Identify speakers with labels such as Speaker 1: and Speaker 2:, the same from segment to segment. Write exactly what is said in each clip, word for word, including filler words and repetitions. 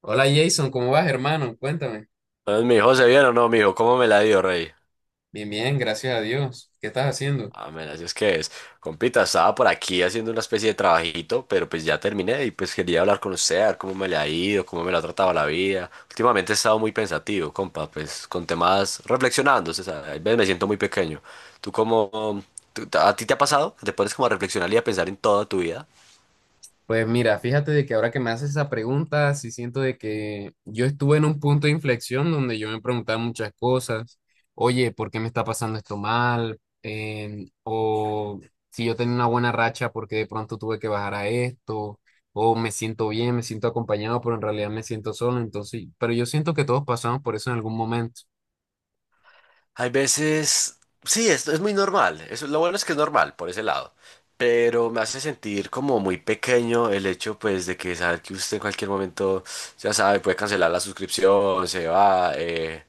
Speaker 1: Hola Jason, ¿cómo vas, hermano? Cuéntame.
Speaker 2: Entonces me dijo, ¿se vieron o no, mijo? ¿Cómo me la dio, rey?
Speaker 1: Bien, bien, gracias a Dios. ¿Qué estás haciendo?
Speaker 2: Ah, men, así es que es. Compita, estaba por aquí haciendo una especie de trabajito, pero pues ya terminé y pues quería hablar con usted, a ver cómo me le ha ido, cómo me la ha tratado la vida. Últimamente he estado muy pensativo, compa, pues con temas reflexionando, o sea, a veces me siento muy pequeño. ¿Tú cómo, tú- a ti te ha pasado? Que ¿Te pones como a reflexionar y a pensar en toda tu vida?
Speaker 1: Pues mira, fíjate de que ahora que me haces esa pregunta, sí siento de que yo estuve en un punto de inflexión donde yo me preguntaba muchas cosas. Oye, ¿por qué me está pasando esto mal? Em, o si yo tenía una buena racha, ¿por qué de pronto tuve que bajar a esto? O me siento bien, me siento acompañado, pero en realidad me siento solo. Entonces, pero yo siento que todos pasamos por eso en algún momento.
Speaker 2: Hay veces, sí, esto es muy normal. Eso, lo bueno es que es normal por ese lado. Pero me hace sentir como muy pequeño el hecho, pues, de que saber que usted en cualquier momento, ya sabe, puede cancelar la suscripción, se va. eh,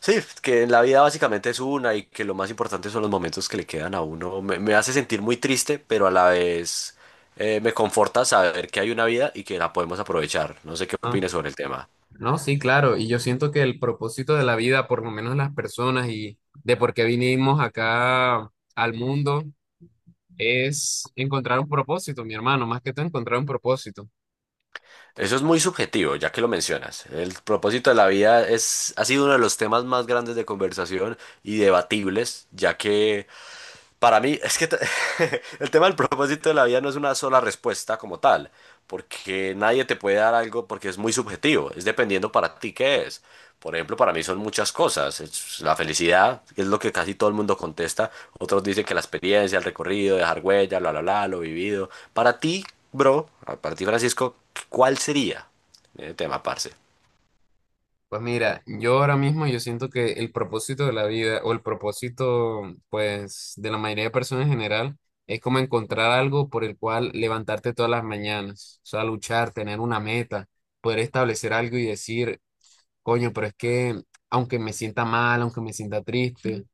Speaker 2: Sí, que en la vida básicamente es una y que lo más importante son los momentos que le quedan a uno. Me, me hace sentir muy triste, pero a la vez eh, me conforta saber que hay una vida y que la podemos aprovechar. No sé qué
Speaker 1: ¿No?
Speaker 2: opines sobre el tema.
Speaker 1: No, sí, claro, y yo siento que el propósito de la vida, por lo menos las personas y de por qué vinimos acá al mundo, es encontrar un propósito, mi hermano, más que todo encontrar un propósito.
Speaker 2: Eso es muy subjetivo, ya que lo mencionas. El propósito de la vida es, ha sido uno de los temas más grandes de conversación y debatibles, ya que para mí, es que t- el tema del propósito de la vida no es una sola respuesta como tal, porque nadie te puede dar algo porque es muy subjetivo, es dependiendo para ti qué es. Por ejemplo, para mí son muchas cosas. Es la felicidad, que es lo que casi todo el mundo contesta. Otros dicen que la experiencia, el recorrido, dejar huella, la, la, la, lo vivido. Para ti, bro, para ti, Francisco, ¿cuál sería el tema, parce?
Speaker 1: Pues mira, yo ahora mismo yo siento que el propósito de la vida o el propósito pues de la mayoría de personas en general es como encontrar algo por el cual levantarte todas las mañanas, o sea, luchar, tener una meta, poder establecer algo y decir, coño, pero es que aunque me sienta mal, aunque me sienta triste,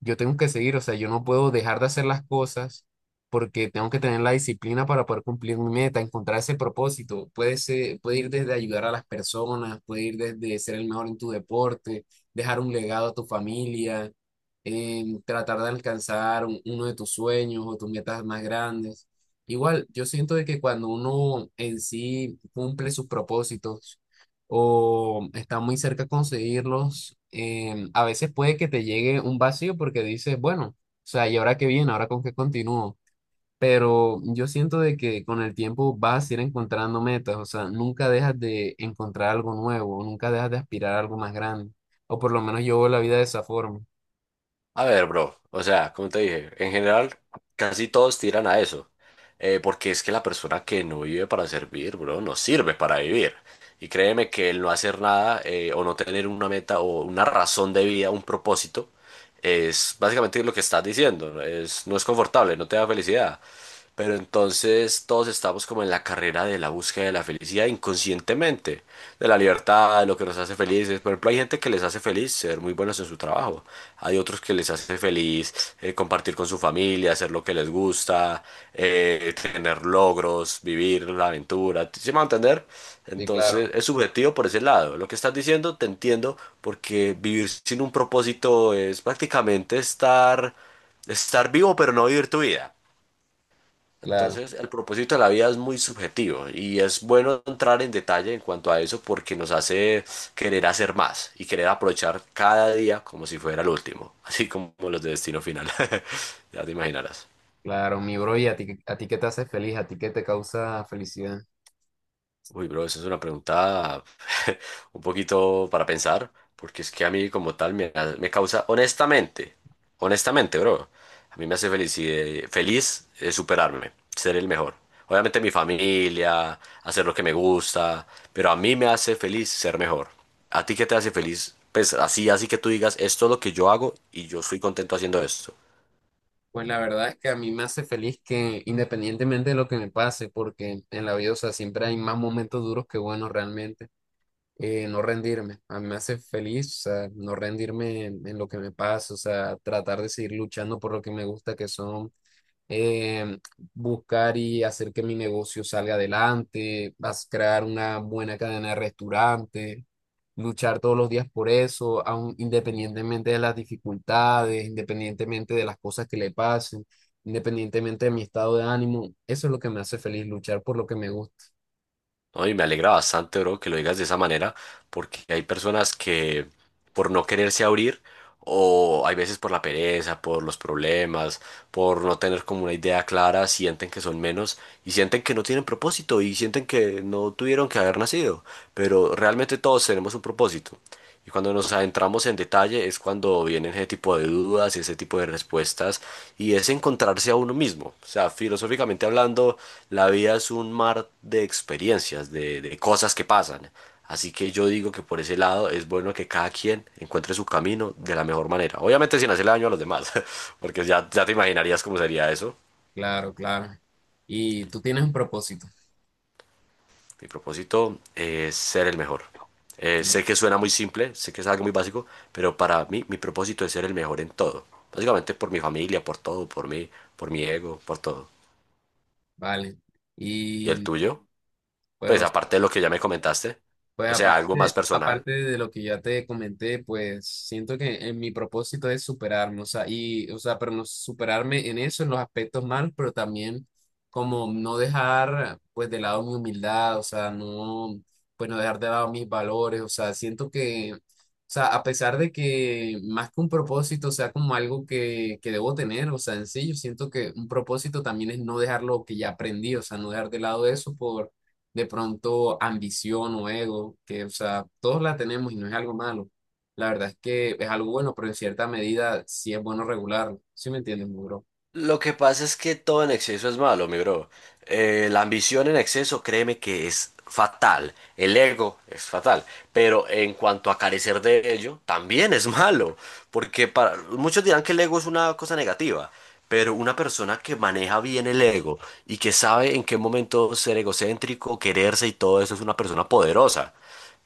Speaker 1: yo tengo que seguir, o sea, yo no puedo dejar de hacer las cosas porque tengo que tener la disciplina para poder cumplir mi meta, encontrar ese propósito. Puede ser, puede ir desde ayudar a las personas, puede ir desde ser el mejor en tu deporte, dejar un legado a tu familia, em, tratar de alcanzar un- uno de tus sueños o tus metas más grandes. Igual, yo siento de que cuando uno en sí cumple sus propósitos, o está muy cerca conseguirlos, em, a veces puede que te llegue un vacío porque dices, bueno, o sea, ¿y ahora qué viene? ¿Ahora con qué continúo? Pero yo siento de que con el tiempo vas a ir encontrando metas, o sea, nunca dejas de encontrar algo nuevo, nunca dejas de aspirar a algo más grande, o por lo menos yo veo la vida de esa forma.
Speaker 2: A ver, bro, o sea, como te dije, en general casi todos tiran a eso, eh, porque es que la persona que no vive para servir, bro, no sirve para vivir. Y créeme que el no hacer nada eh, o no tener una meta o una razón de vida, un propósito, es básicamente lo que estás diciendo, es, no es confortable, no te da felicidad. Pero entonces todos estamos como en la carrera de la búsqueda de la felicidad inconscientemente, de la libertad, de lo que nos hace felices. Por ejemplo, hay gente que les hace feliz ser muy buenos en su trabajo. Hay otros que les hace feliz eh, compartir con su familia, hacer lo que les gusta, eh, tener logros, vivir la aventura. ¿Sí me va a entender?
Speaker 1: Sí, claro,
Speaker 2: Entonces es subjetivo por ese lado. Lo que estás diciendo te entiendo porque vivir sin un propósito es prácticamente estar, estar vivo pero no vivir tu vida.
Speaker 1: claro,
Speaker 2: Entonces, el propósito de la vida es muy subjetivo y es bueno entrar en detalle en cuanto a eso porque nos hace querer hacer más y querer aprovechar cada día como si fuera el último, así como los de destino final. Ya te imaginarás.
Speaker 1: claro, mi bro, y a ti, a ti qué te hace feliz, a ti qué te causa felicidad.
Speaker 2: Uy, bro, esa es una pregunta un poquito para pensar, porque es que a mí como tal me, ha- me causa, honestamente, honestamente, bro, a mí me hace feliz, feliz eh, superarme, ser el mejor. Obviamente mi familia, hacer lo que me gusta, pero a mí me hace feliz ser mejor. ¿A ti qué te hace feliz? Pues así, así que tú digas, esto es lo que yo hago y yo estoy contento haciendo esto.
Speaker 1: Pues la verdad es que a mí me hace feliz que independientemente de lo que me pase, porque en la vida, o sea, siempre hay más momentos duros que buenos realmente, eh, no rendirme. A mí me hace feliz, o sea, no rendirme en, en lo que me pasa, o sea, tratar de seguir luchando por lo que me gusta, que son eh, buscar y hacer que mi negocio salga adelante, vas a crear una buena cadena de restaurantes, luchar todos los días por eso, aun independientemente de las dificultades, independientemente de las cosas que le pasen, independientemente de mi estado de ánimo, eso es lo que me hace feliz, luchar por lo que me gusta.
Speaker 2: No, y me alegra bastante, bro, que lo digas de esa manera, porque hay personas que por no quererse abrir, o hay veces por la pereza, por los problemas, por no tener como una idea clara, sienten que son menos y sienten que no tienen propósito y sienten que no tuvieron que haber nacido, pero realmente todos tenemos un propósito. Y cuando nos adentramos en detalle es cuando vienen ese tipo de dudas y ese tipo de respuestas y es encontrarse a uno mismo. O sea, filosóficamente hablando, la vida es un mar de experiencias, de, de cosas que pasan. Así que yo digo que por ese lado es bueno que cada quien encuentre su camino de la mejor manera. Obviamente sin hacerle daño a los demás, porque ya, ya te imaginarías cómo sería eso.
Speaker 1: Claro, claro. Y tú tienes un propósito.
Speaker 2: Mi propósito es ser el mejor. Eh,
Speaker 1: Sí.
Speaker 2: sé que suena muy simple, sé que es algo muy básico, pero para mí mi propósito es ser el mejor en todo. Básicamente por mi familia, por todo, por mí, por mi ego, por todo.
Speaker 1: Vale.
Speaker 2: ¿Y el
Speaker 1: Y
Speaker 2: tuyo?
Speaker 1: pues,
Speaker 2: Pues
Speaker 1: o
Speaker 2: aparte de lo que ya me comentaste,
Speaker 1: pues
Speaker 2: o sea, algo más
Speaker 1: aparte,
Speaker 2: personal.
Speaker 1: aparte de lo que ya te comenté, pues siento que en mi propósito es superarme, o sea, y, o sea, pero no superarme en eso, en los aspectos malos, pero también como no dejar, pues, de lado mi humildad, o sea, no, pues, no dejar de lado mis valores, o sea, siento que, o sea, a pesar de que más que un propósito sea como algo que, que debo tener, o sea, en sí, yo siento que un propósito también es no dejar lo que ya aprendí, o sea, no dejar de lado eso por de pronto ambición o ego, que, o sea, todos la tenemos y no es algo malo. La verdad es que es algo bueno, pero en cierta medida sí es bueno regularlo. ¿Sí me entiendes, mi bro?
Speaker 2: Lo que pasa es que todo en exceso es malo, mi bro. Eh, la ambición en exceso, créeme que es fatal. El ego es fatal. Pero en cuanto a carecer de ello, también es malo. Porque para, muchos dirán que el ego es una cosa negativa. Pero una persona que maneja bien el ego y que sabe en qué momento ser egocéntrico, quererse y todo eso es una persona poderosa.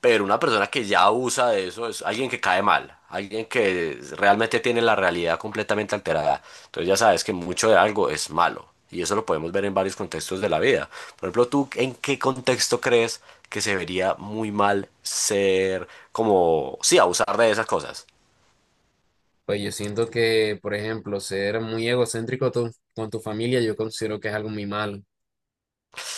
Speaker 2: Pero una persona que ya abusa de eso es alguien que cae mal, alguien que realmente tiene la realidad completamente alterada. Entonces ya sabes que mucho de algo es malo. Y eso lo podemos ver en varios contextos de la vida. Por ejemplo, ¿tú en qué contexto crees que se vería muy mal ser como, sí, abusar de esas cosas?
Speaker 1: Pues yo siento que, por ejemplo, ser muy egocéntrico tú- con tu familia, yo considero que es algo muy malo.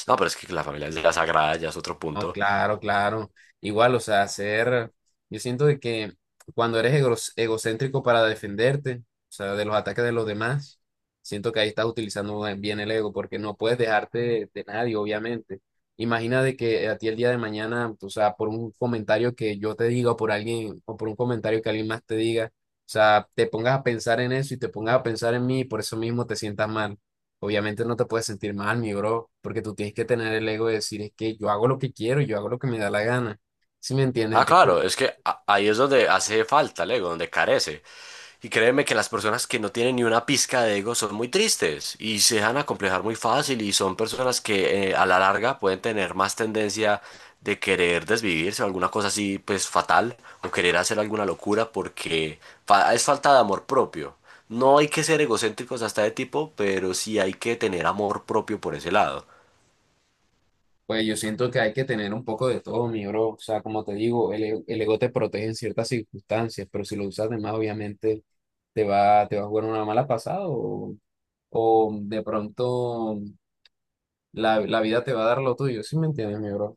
Speaker 2: No, pero es que la familia es la sagrada, ya es otro
Speaker 1: No,
Speaker 2: punto.
Speaker 1: claro, claro. Igual, o sea, ser, yo siento de que cuando eres egros- egocéntrico para defenderte, o sea, de los ataques de los demás, siento que ahí estás utilizando bien el ego, porque no puedes dejarte de, de nadie, obviamente. Imagina de que a ti el día de mañana, o sea, por un comentario que yo te diga o por alguien, o por un comentario que alguien más te diga, o sea, te pongas a pensar en eso y te pongas a pensar en mí y por eso mismo te sientas mal. Obviamente no te puedes sentir mal, mi bro, porque tú tienes que tener el ego de decir, es que yo hago lo que quiero, yo hago lo que me da la gana. ¿Sí me entiendes?
Speaker 2: Ah,
Speaker 1: Entonces,
Speaker 2: claro, es que a- ahí es donde hace falta el ego, donde carece. Y créeme que las personas que no tienen ni una pizca de ego son muy tristes y se dejan acomplejar muy fácil y son personas que eh, a la larga pueden tener más tendencia de querer desvivirse o alguna cosa así pues fatal o querer hacer alguna locura porque fa- es falta de amor propio. No hay que ser egocéntricos hasta de tipo, pero sí hay que tener amor propio por ese lado.
Speaker 1: pues yo siento que hay que tener un poco de todo, mi bro. O sea, como te digo, el, e- el ego te protege en ciertas circunstancias, pero si lo usas de más, obviamente te va, te va a jugar una mala pasada o, o de pronto la, la vida te va a dar lo tuyo. ¿Sí me entiendes, mi bro?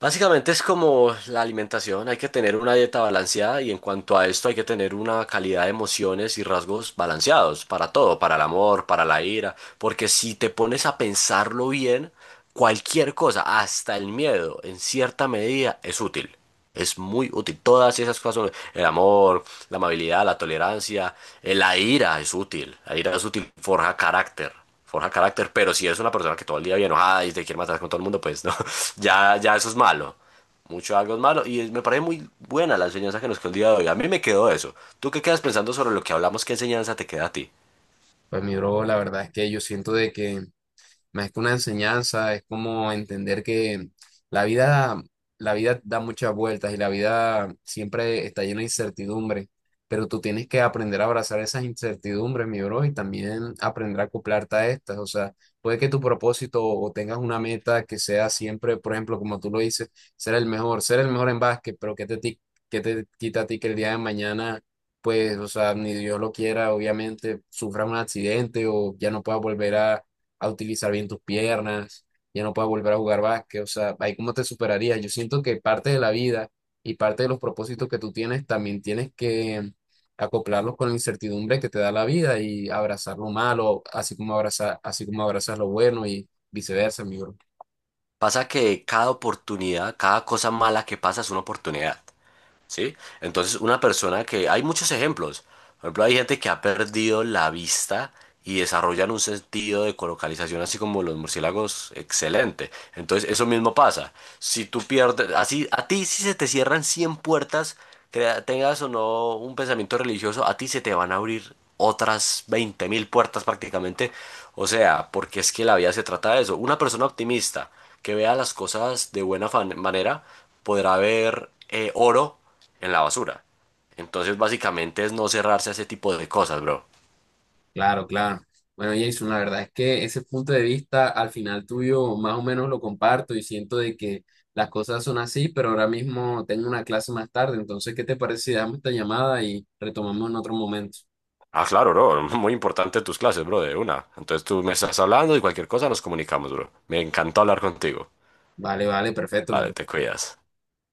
Speaker 2: Básicamente es como la alimentación, hay que tener una dieta balanceada y en cuanto a esto hay que tener una calidad de emociones y rasgos balanceados para todo, para el amor, para la ira, porque si te pones a pensarlo bien, cualquier cosa, hasta el miedo, en cierta medida es útil. Es muy útil. Todas esas cosas son el amor, la amabilidad, la tolerancia, eh, la ira es útil. La ira es útil, forja carácter. Forja carácter, pero si eres una persona que todo el día viene enojada y te quiere matar con todo el mundo, pues no. Ya, ya eso es malo. Mucho algo es malo. Y es- me parece muy buena la enseñanza que nos quedó el día de hoy. A mí me quedó eso. ¿Tú qué quedas pensando sobre lo que hablamos? ¿Qué enseñanza te queda a ti?
Speaker 1: Pues mi bro, la verdad es que yo siento de que más que una enseñanza, es como entender que la vida, la vida da muchas vueltas y la vida siempre está llena de incertidumbre, pero tú tienes que aprender a abrazar esas incertidumbres, mi bro, y también aprender a acoplarte a estas. O sea, puede que tu propósito o tengas una meta que sea siempre, por ejemplo, como tú lo dices, ser el mejor, ser el mejor en básquet, pero que te, ti- qué te quita a ti que el día de mañana pues, o sea, ni Dios lo quiera, obviamente, sufra un accidente o ya no pueda volver a, a utilizar bien tus piernas, ya no puedes volver a jugar básquet, o sea, ahí cómo te superarías. Yo siento que parte de la vida y parte de los propósitos que tú tienes también tienes que acoplarlos con la incertidumbre que te da la vida y abrazar lo malo, así como abrazar, así como abrazas lo bueno y viceversa, amigo.
Speaker 2: Pasa que cada oportunidad, cada cosa mala que pasa es una oportunidad. ¿Sí? Entonces, una persona que... Hay muchos ejemplos. Por ejemplo, hay gente que ha perdido la vista y desarrollan un sentido de colocalización, así como los murciélagos, excelente. Entonces, eso mismo pasa. Si tú pierdes... Así, a ti si se te cierran cien puertas, crea- tengas o no un pensamiento religioso, a ti se te van a abrir otras veinte mil puertas prácticamente. O sea, porque es que la vida se trata de eso. Una persona optimista que vea las cosas de buena fan- manera podrá ver eh, oro en la basura. Entonces, básicamente es no cerrarse a ese tipo de cosas, bro.
Speaker 1: Claro, claro. Bueno, Jason, la verdad es que ese punto de vista al final tuyo más o menos lo comparto y siento de que las cosas son así, pero ahora mismo tengo una clase más tarde, entonces, ¿qué te parece si damos esta llamada y retomamos en otro momento?
Speaker 2: Ah, claro, bro. Muy importante tus clases, bro, de una. Entonces tú me estás hablando y cualquier cosa nos comunicamos, bro. Me encantó hablar contigo.
Speaker 1: Vale, vale, perfecto.
Speaker 2: Vale,
Speaker 1: Nos
Speaker 2: te cuidas.